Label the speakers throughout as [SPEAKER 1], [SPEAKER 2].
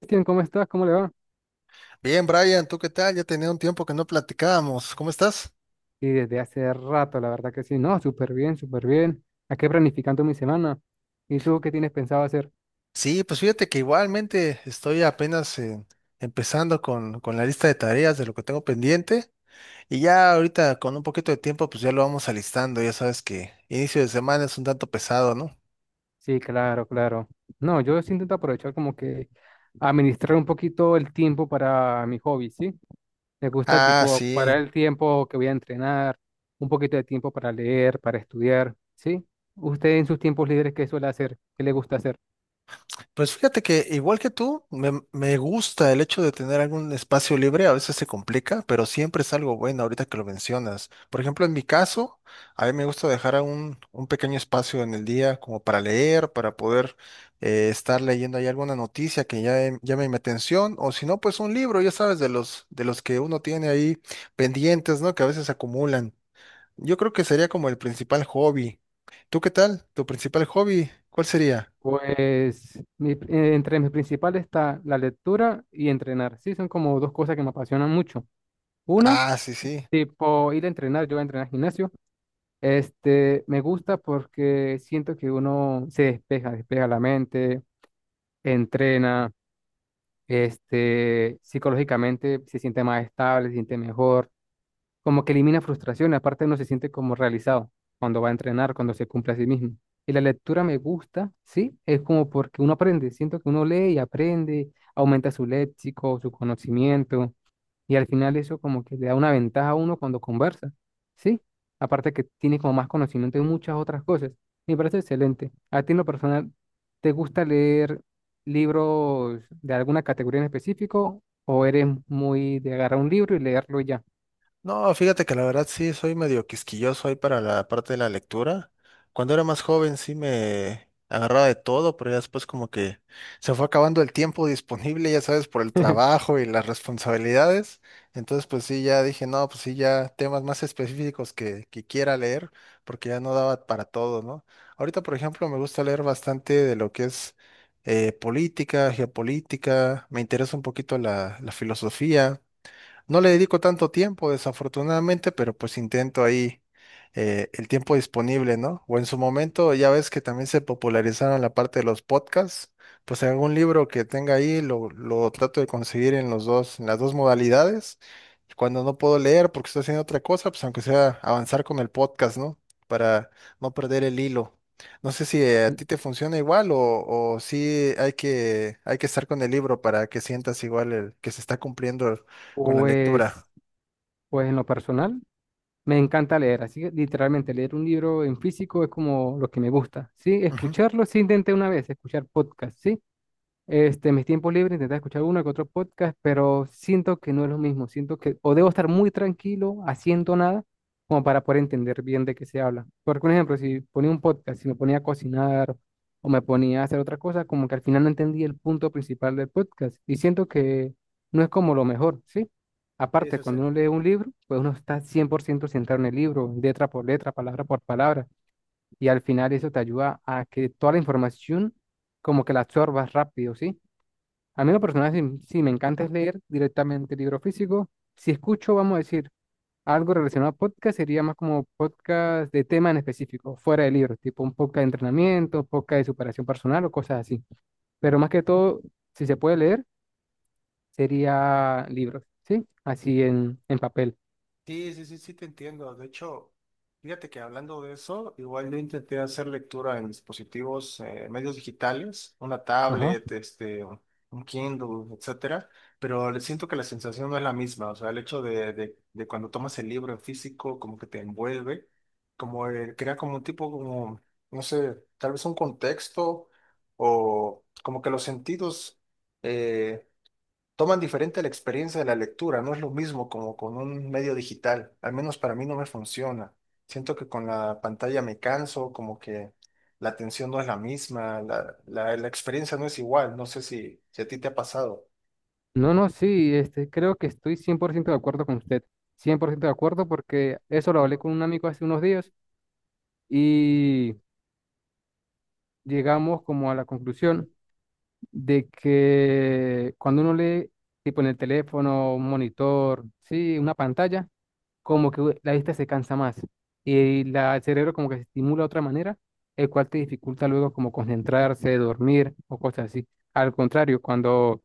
[SPEAKER 1] Cristian, ¿cómo estás? ¿Cómo le va?
[SPEAKER 2] Bien, Brian, ¿tú qué tal? Ya tenía un tiempo que no platicábamos. ¿Cómo estás?
[SPEAKER 1] Y desde hace rato, la verdad que sí, no, súper bien, súper bien. Aquí planificando mi semana. ¿Y tú qué tienes pensado hacer?
[SPEAKER 2] Sí, pues fíjate que igualmente estoy apenas empezando con la lista de tareas de lo que tengo pendiente y ya ahorita con un poquito de tiempo pues ya lo vamos alistando. Ya sabes que inicio de semana es un tanto pesado, ¿no?
[SPEAKER 1] Sí, claro, claro. No, yo sí intento aprovechar como que administrar un poquito el tiempo para mi hobby, ¿sí? Me gusta
[SPEAKER 2] Ah,
[SPEAKER 1] tipo parar
[SPEAKER 2] sí.
[SPEAKER 1] el tiempo que voy a entrenar, un poquito de tiempo para leer, para estudiar, ¿sí? ¿Usted en sus tiempos libres qué suele hacer? ¿Qué le gusta hacer?
[SPEAKER 2] Pues fíjate que igual que tú, me gusta el hecho de tener algún espacio libre, a veces se complica, pero siempre es algo bueno ahorita que lo mencionas. Por ejemplo, en mi caso, a mí me gusta dejar a un pequeño espacio en el día como para leer, para poder estar leyendo ahí alguna noticia que ya llame mi atención, o si no, pues un libro, ya sabes, de de los que uno tiene ahí pendientes, ¿no? Que a veces se acumulan. Yo creo que sería como el principal hobby. ¿Tú qué tal? ¿Tu principal hobby? ¿Cuál sería?
[SPEAKER 1] Pues entre mis principales está la lectura y entrenar. Sí, son como dos cosas que me apasionan mucho. Una,
[SPEAKER 2] Ah, sí, sí.
[SPEAKER 1] tipo ir a entrenar, yo voy a entrenar al gimnasio. Este, me gusta porque siento que uno se despeja, despeja la mente, entrena, este, psicológicamente se siente más estable, se siente mejor. Como que elimina frustración, aparte uno se siente como realizado cuando va a entrenar, cuando se cumple a sí mismo. Y la lectura me gusta, sí, es como porque uno aprende, siento que uno lee y aprende, aumenta su léxico, su conocimiento, y al final eso como que le da una ventaja a uno cuando conversa, sí, aparte que tiene como más conocimiento de muchas otras cosas. Me parece excelente. A ti en lo personal, ¿te gusta leer libros de alguna categoría en específico o eres muy de agarrar un libro y leerlo y ya?
[SPEAKER 2] No, fíjate que la verdad sí soy medio quisquilloso ahí para la parte de la lectura. Cuando era más joven sí me agarraba de todo, pero ya después como que se fue acabando el tiempo disponible, ya sabes, por el trabajo y las responsabilidades. Entonces pues sí, ya dije, no, pues sí, ya temas más específicos que quiera leer, porque ya no daba para todo, ¿no? Ahorita, por ejemplo, me gusta leer bastante de lo que es política, geopolítica, me interesa un poquito la filosofía. No le dedico tanto tiempo, desafortunadamente, pero pues intento ahí el tiempo disponible, ¿no? O en su momento, ya ves que también se popularizaron la parte de los podcasts, pues algún libro que tenga ahí lo trato de conseguir en los dos, en las dos modalidades. Y cuando no puedo leer porque estoy haciendo otra cosa, pues aunque sea avanzar con el podcast, ¿no? Para no perder el hilo. No sé si a ti te funciona igual o sí hay que estar con el libro para que sientas igual el, que se está cumpliendo con la lectura.
[SPEAKER 1] Pues, pues en lo personal, me encanta leer, así que literalmente leer un libro en físico es como lo que me gusta, ¿sí?
[SPEAKER 2] Ujú.
[SPEAKER 1] Escucharlo, sí intenté una vez escuchar podcast, ¿sí? Este, en mis tiempos libres intenté escuchar uno que otro podcast, pero siento que no es lo mismo. Siento que o debo estar muy tranquilo, haciendo nada, como para poder entender bien de qué se habla. Porque, un ejemplo, si ponía un podcast, si me ponía a cocinar o me ponía a hacer otra cosa, como que al final no entendí el punto principal del podcast. Y siento que no es como lo mejor, ¿sí?
[SPEAKER 2] Sí,
[SPEAKER 1] Aparte,
[SPEAKER 2] sí, sí.
[SPEAKER 1] cuando uno lee un libro, pues uno está 100% centrado en el libro, letra por letra, palabra por palabra. Y al final eso te ayuda a que toda la información como que la absorbas rápido, ¿sí? A mí lo personal sí, sí, me encanta es leer directamente libro físico. Si escucho, vamos a decir, algo relacionado a podcast, sería más como podcast de tema en específico, fuera de libros, tipo un podcast de
[SPEAKER 2] Mm.
[SPEAKER 1] entrenamiento, podcast de superación personal o cosas así. Pero más que todo, si se puede leer, sería libros, ¿sí? Así en papel.
[SPEAKER 2] Sí, sí, sí, sí, te entiendo. De hecho, fíjate que hablando de eso, igual yo intenté hacer lectura en dispositivos, medios digitales, una
[SPEAKER 1] Ajá.
[SPEAKER 2] tablet, este, un Kindle, etcétera, pero le siento que la sensación no es la misma. O sea, el hecho de cuando tomas el libro en físico, como que te envuelve, como crea como un tipo, como, no sé, tal vez un contexto o como que los sentidos. eh, Toman diferente la experiencia de la lectura, no es lo mismo como con un medio digital, al menos para mí no me funciona. Siento que con la pantalla me canso, como que la atención no es la misma, la experiencia no es igual, no sé si, si a ti te ha pasado.
[SPEAKER 1] No, no, sí, este, creo que estoy 100% de acuerdo con usted. Cien por ciento de acuerdo porque eso lo hablé con un amigo hace unos días y llegamos como a la conclusión de que cuando uno lee, tipo en el teléfono, un monitor, sí, una pantalla, como que la vista se cansa más y el cerebro como que se estimula de otra manera, el cual te dificulta luego como concentrarse, dormir o cosas así. Al contrario,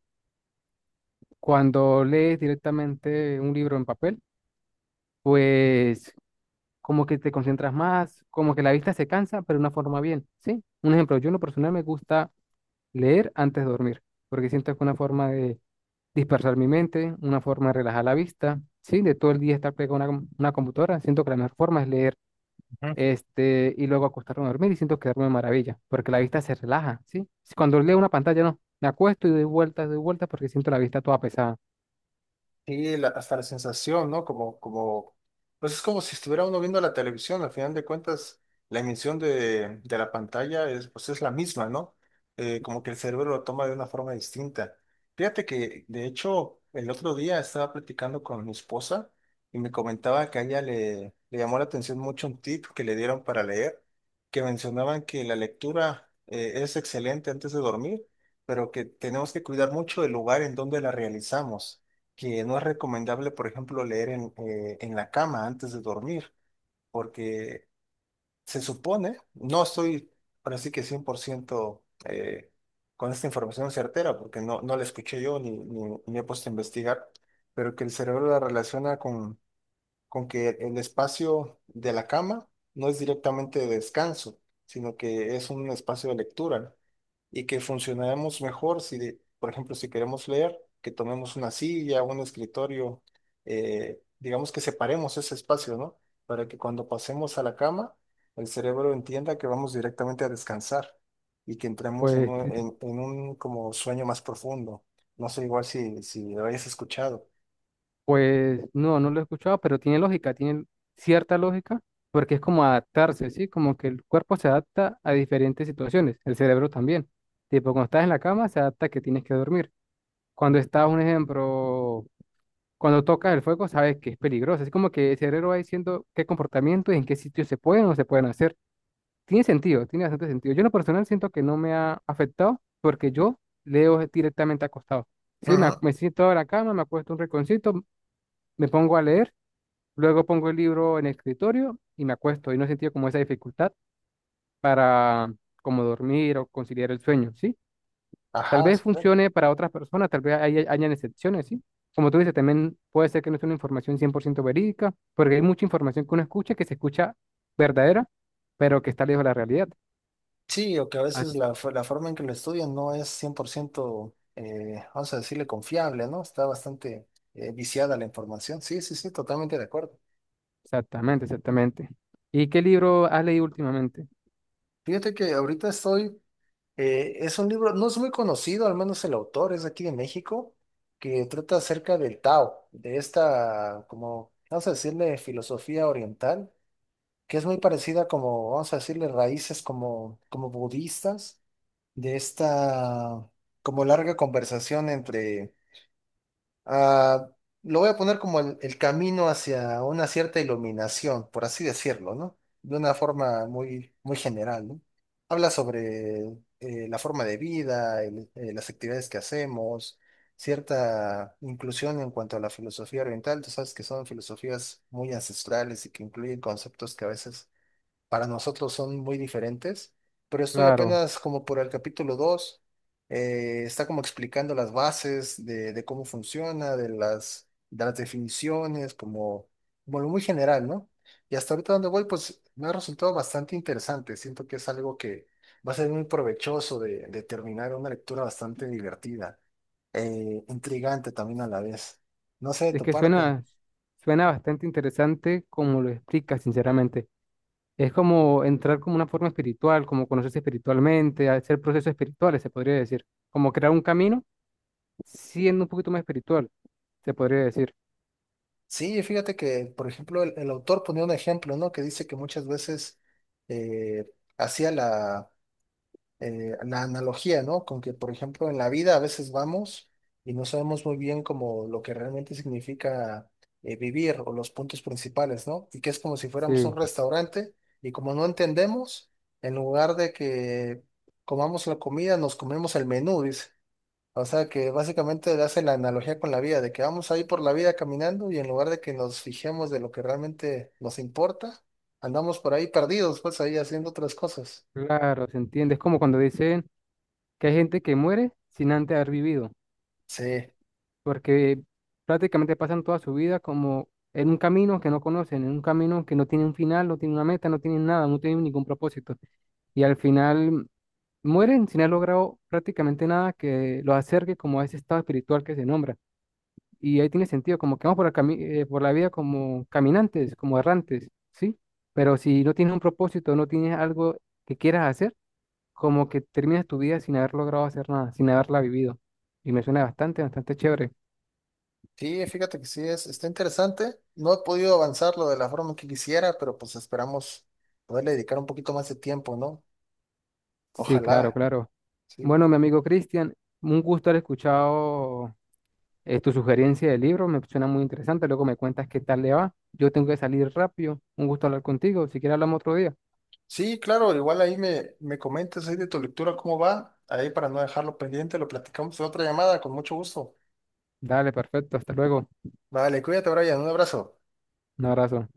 [SPEAKER 1] cuando lees directamente un libro en papel, pues como que te concentras más, como que la vista se cansa, pero de una forma bien, ¿sí? Un ejemplo, yo en lo personal me gusta leer antes de dormir, porque siento que es una forma de dispersar mi mente, una forma de relajar la vista, ¿sí? De todo el día estar pegado a una computadora, siento que la mejor forma es leer, este, y luego acostarme a dormir y siento que duermo de maravilla, porque la vista se relaja, ¿sí? Si cuando leo una pantalla, no, me acuesto y doy vueltas porque siento la vista toda pesada.
[SPEAKER 2] Sí, la- hasta la sensación, ¿no? Como, pues es como si estuviera uno viendo la televisión, al final de cuentas, la emisión de la pantalla es, pues es la misma, ¿no? Como que el cerebro lo toma de una forma distinta. Fíjate que, de hecho, el otro día estaba platicando con mi esposa y me comentaba que a ella le llamó la atención mucho un tip que le dieron para leer, que mencionaban que la lectura es excelente antes de dormir, pero que tenemos que cuidar mucho el lugar en donde la realizamos, que no es recomendable, por ejemplo, leer en la cama antes de dormir, porque se supone, no estoy ahora sí que 100% con esta información certera, porque no, no la escuché yo ni he puesto a investigar, pero que el cerebro la relaciona con que el espacio de la cama no es directamente de descanso, sino que es un espacio de lectura y que funcionaremos mejor si, de- por ejemplo, si queremos leer, que tomemos una silla, un escritorio, digamos que separemos ese espacio, ¿no? Para que cuando pasemos a la cama, el cerebro entienda que vamos directamente a descansar y que entremos
[SPEAKER 1] Pues, ti-
[SPEAKER 2] en un como sueño más profundo. No sé igual si, si lo hayas escuchado.
[SPEAKER 1] pues no, no lo he escuchado, pero tiene lógica, tiene cierta lógica, porque es como adaptarse, ¿sí? Como que el cuerpo se adapta a diferentes situaciones, el cerebro también. Tipo, cuando estás en la cama, se adapta a que tienes que dormir. Cuando estás, un ejemplo, cuando tocas el fuego sabes que es peligroso. Así como que el cerebro va diciendo qué comportamiento y en qué sitios se pueden o no se pueden hacer. Tiene sentido, tiene bastante sentido. Yo en lo personal siento que no me ha afectado porque yo leo directamente acostado. Sí,
[SPEAKER 2] Ajá.
[SPEAKER 1] me siento en la cama, me acuesto un rinconcito, me pongo a leer, luego pongo el libro en el escritorio y me acuesto. Y no he sentido como esa dificultad para como dormir o conciliar el sueño, ¿sí? Tal
[SPEAKER 2] Ajá,
[SPEAKER 1] vez
[SPEAKER 2] sí.
[SPEAKER 1] funcione para otras personas, tal vez hayan excepciones, ¿sí? Como tú dices, también puede ser que no sea una información 100% verídica, porque hay mucha información que uno escucha que se escucha verdadera, pero que está lejos de la realidad.
[SPEAKER 2] Sí, o que a veces
[SPEAKER 1] As-
[SPEAKER 2] la, fo- la forma en que lo estudian no es 100%, vamos a decirle, confiable, ¿no? Está bastante viciada la información. Sí, sí, sí, totalmente de acuerdo.
[SPEAKER 1] Exactamente, exactamente. ¿Y qué libro has leído últimamente?
[SPEAKER 2] Fíjate que ahorita estoy, es un libro, no es muy conocido, al menos el autor es de aquí de México, que trata acerca del Tao, de esta, como, vamos a decirle, filosofía oriental, que es muy parecida como, vamos a decirle, raíces como, como budistas, de esta, como larga conversación entre ah, lo voy a poner como el camino hacia una cierta iluminación, por así decirlo, ¿no? De una forma muy, muy general, ¿no? Habla sobre la forma de vida, el- las actividades que hacemos, cierta inclusión en cuanto a la filosofía oriental. Tú sabes que son filosofías muy ancestrales y que incluyen conceptos que a veces para nosotros son muy diferentes, pero estoy
[SPEAKER 1] Claro,
[SPEAKER 2] apenas como por el capítulo 2, está como explicando las bases de cómo funciona, de de las definiciones, como, como lo muy general, ¿no? Y hasta ahorita donde voy, pues me ha resultado bastante interesante, siento que es algo que va a ser muy provechoso de terminar una lectura bastante divertida, intrigante también a la vez. No sé de
[SPEAKER 1] es
[SPEAKER 2] tu
[SPEAKER 1] que
[SPEAKER 2] parte.
[SPEAKER 1] suena, suena bastante interesante como lo explicas, sinceramente. Es como entrar como una forma espiritual, como conocerse espiritualmente, hacer procesos espirituales, se podría decir, como crear un camino siendo un poquito más espiritual, se podría decir.
[SPEAKER 2] Sí, fíjate que, por ejemplo, el autor ponía un ejemplo, ¿no? Que dice que muchas veces eh, hacía la, la analogía, ¿no? Con que, por ejemplo, en la vida a veces vamos y no sabemos muy bien como lo que realmente significa vivir o los puntos principales, ¿no? Y que es como si fuéramos a
[SPEAKER 1] Sí,
[SPEAKER 2] un restaurante y como no entendemos, en lugar de que comamos la comida, nos comemos el menú, dice. O sea que básicamente le hacen la analogía con la vida, de que vamos ahí por la vida caminando y en lugar de que nos fijemos de lo que realmente nos importa, andamos por ahí perdidos, pues ahí haciendo otras cosas.
[SPEAKER 1] claro, se entiende. Es como cuando dicen que hay gente que muere sin antes haber vivido,
[SPEAKER 2] Sí,
[SPEAKER 1] porque prácticamente pasan toda su vida como en un camino que no conocen, en un camino que no tiene un final, no tiene una meta, no tienen nada, no tienen ningún propósito. Y al final mueren sin haber logrado prácticamente nada que los acerque como a ese estado espiritual que se nombra. Y ahí tiene sentido, como que vamos por por la vida como caminantes, como errantes, ¿sí? Pero si no tienes un propósito, no tienes algo que quieras hacer, como que terminas tu vida sin haber logrado hacer nada, sin haberla vivido. Y me suena bastante, bastante chévere.
[SPEAKER 2] sí, fíjate que sí es, está interesante. No he podido avanzarlo de la forma que quisiera, pero pues esperamos poderle dedicar un poquito más de tiempo, ¿no?
[SPEAKER 1] Sí, claro,
[SPEAKER 2] Ojalá.
[SPEAKER 1] claro.
[SPEAKER 2] Sí.
[SPEAKER 1] Bueno, mi amigo Cristian, un gusto haber escuchado tu sugerencia de libro, me suena muy interesante. Luego me cuentas qué tal le va. Yo tengo que salir rápido. Un gusto hablar contigo. Si quieres hablamos otro día.
[SPEAKER 2] Sí, claro, igual ahí me comentas ahí de tu lectura cómo va, ahí para no dejarlo pendiente, lo platicamos en otra llamada, con mucho gusto.
[SPEAKER 1] Dale, perfecto. Hasta luego.
[SPEAKER 2] Vale, cuídate, Brian, un abrazo.
[SPEAKER 1] Un abrazo.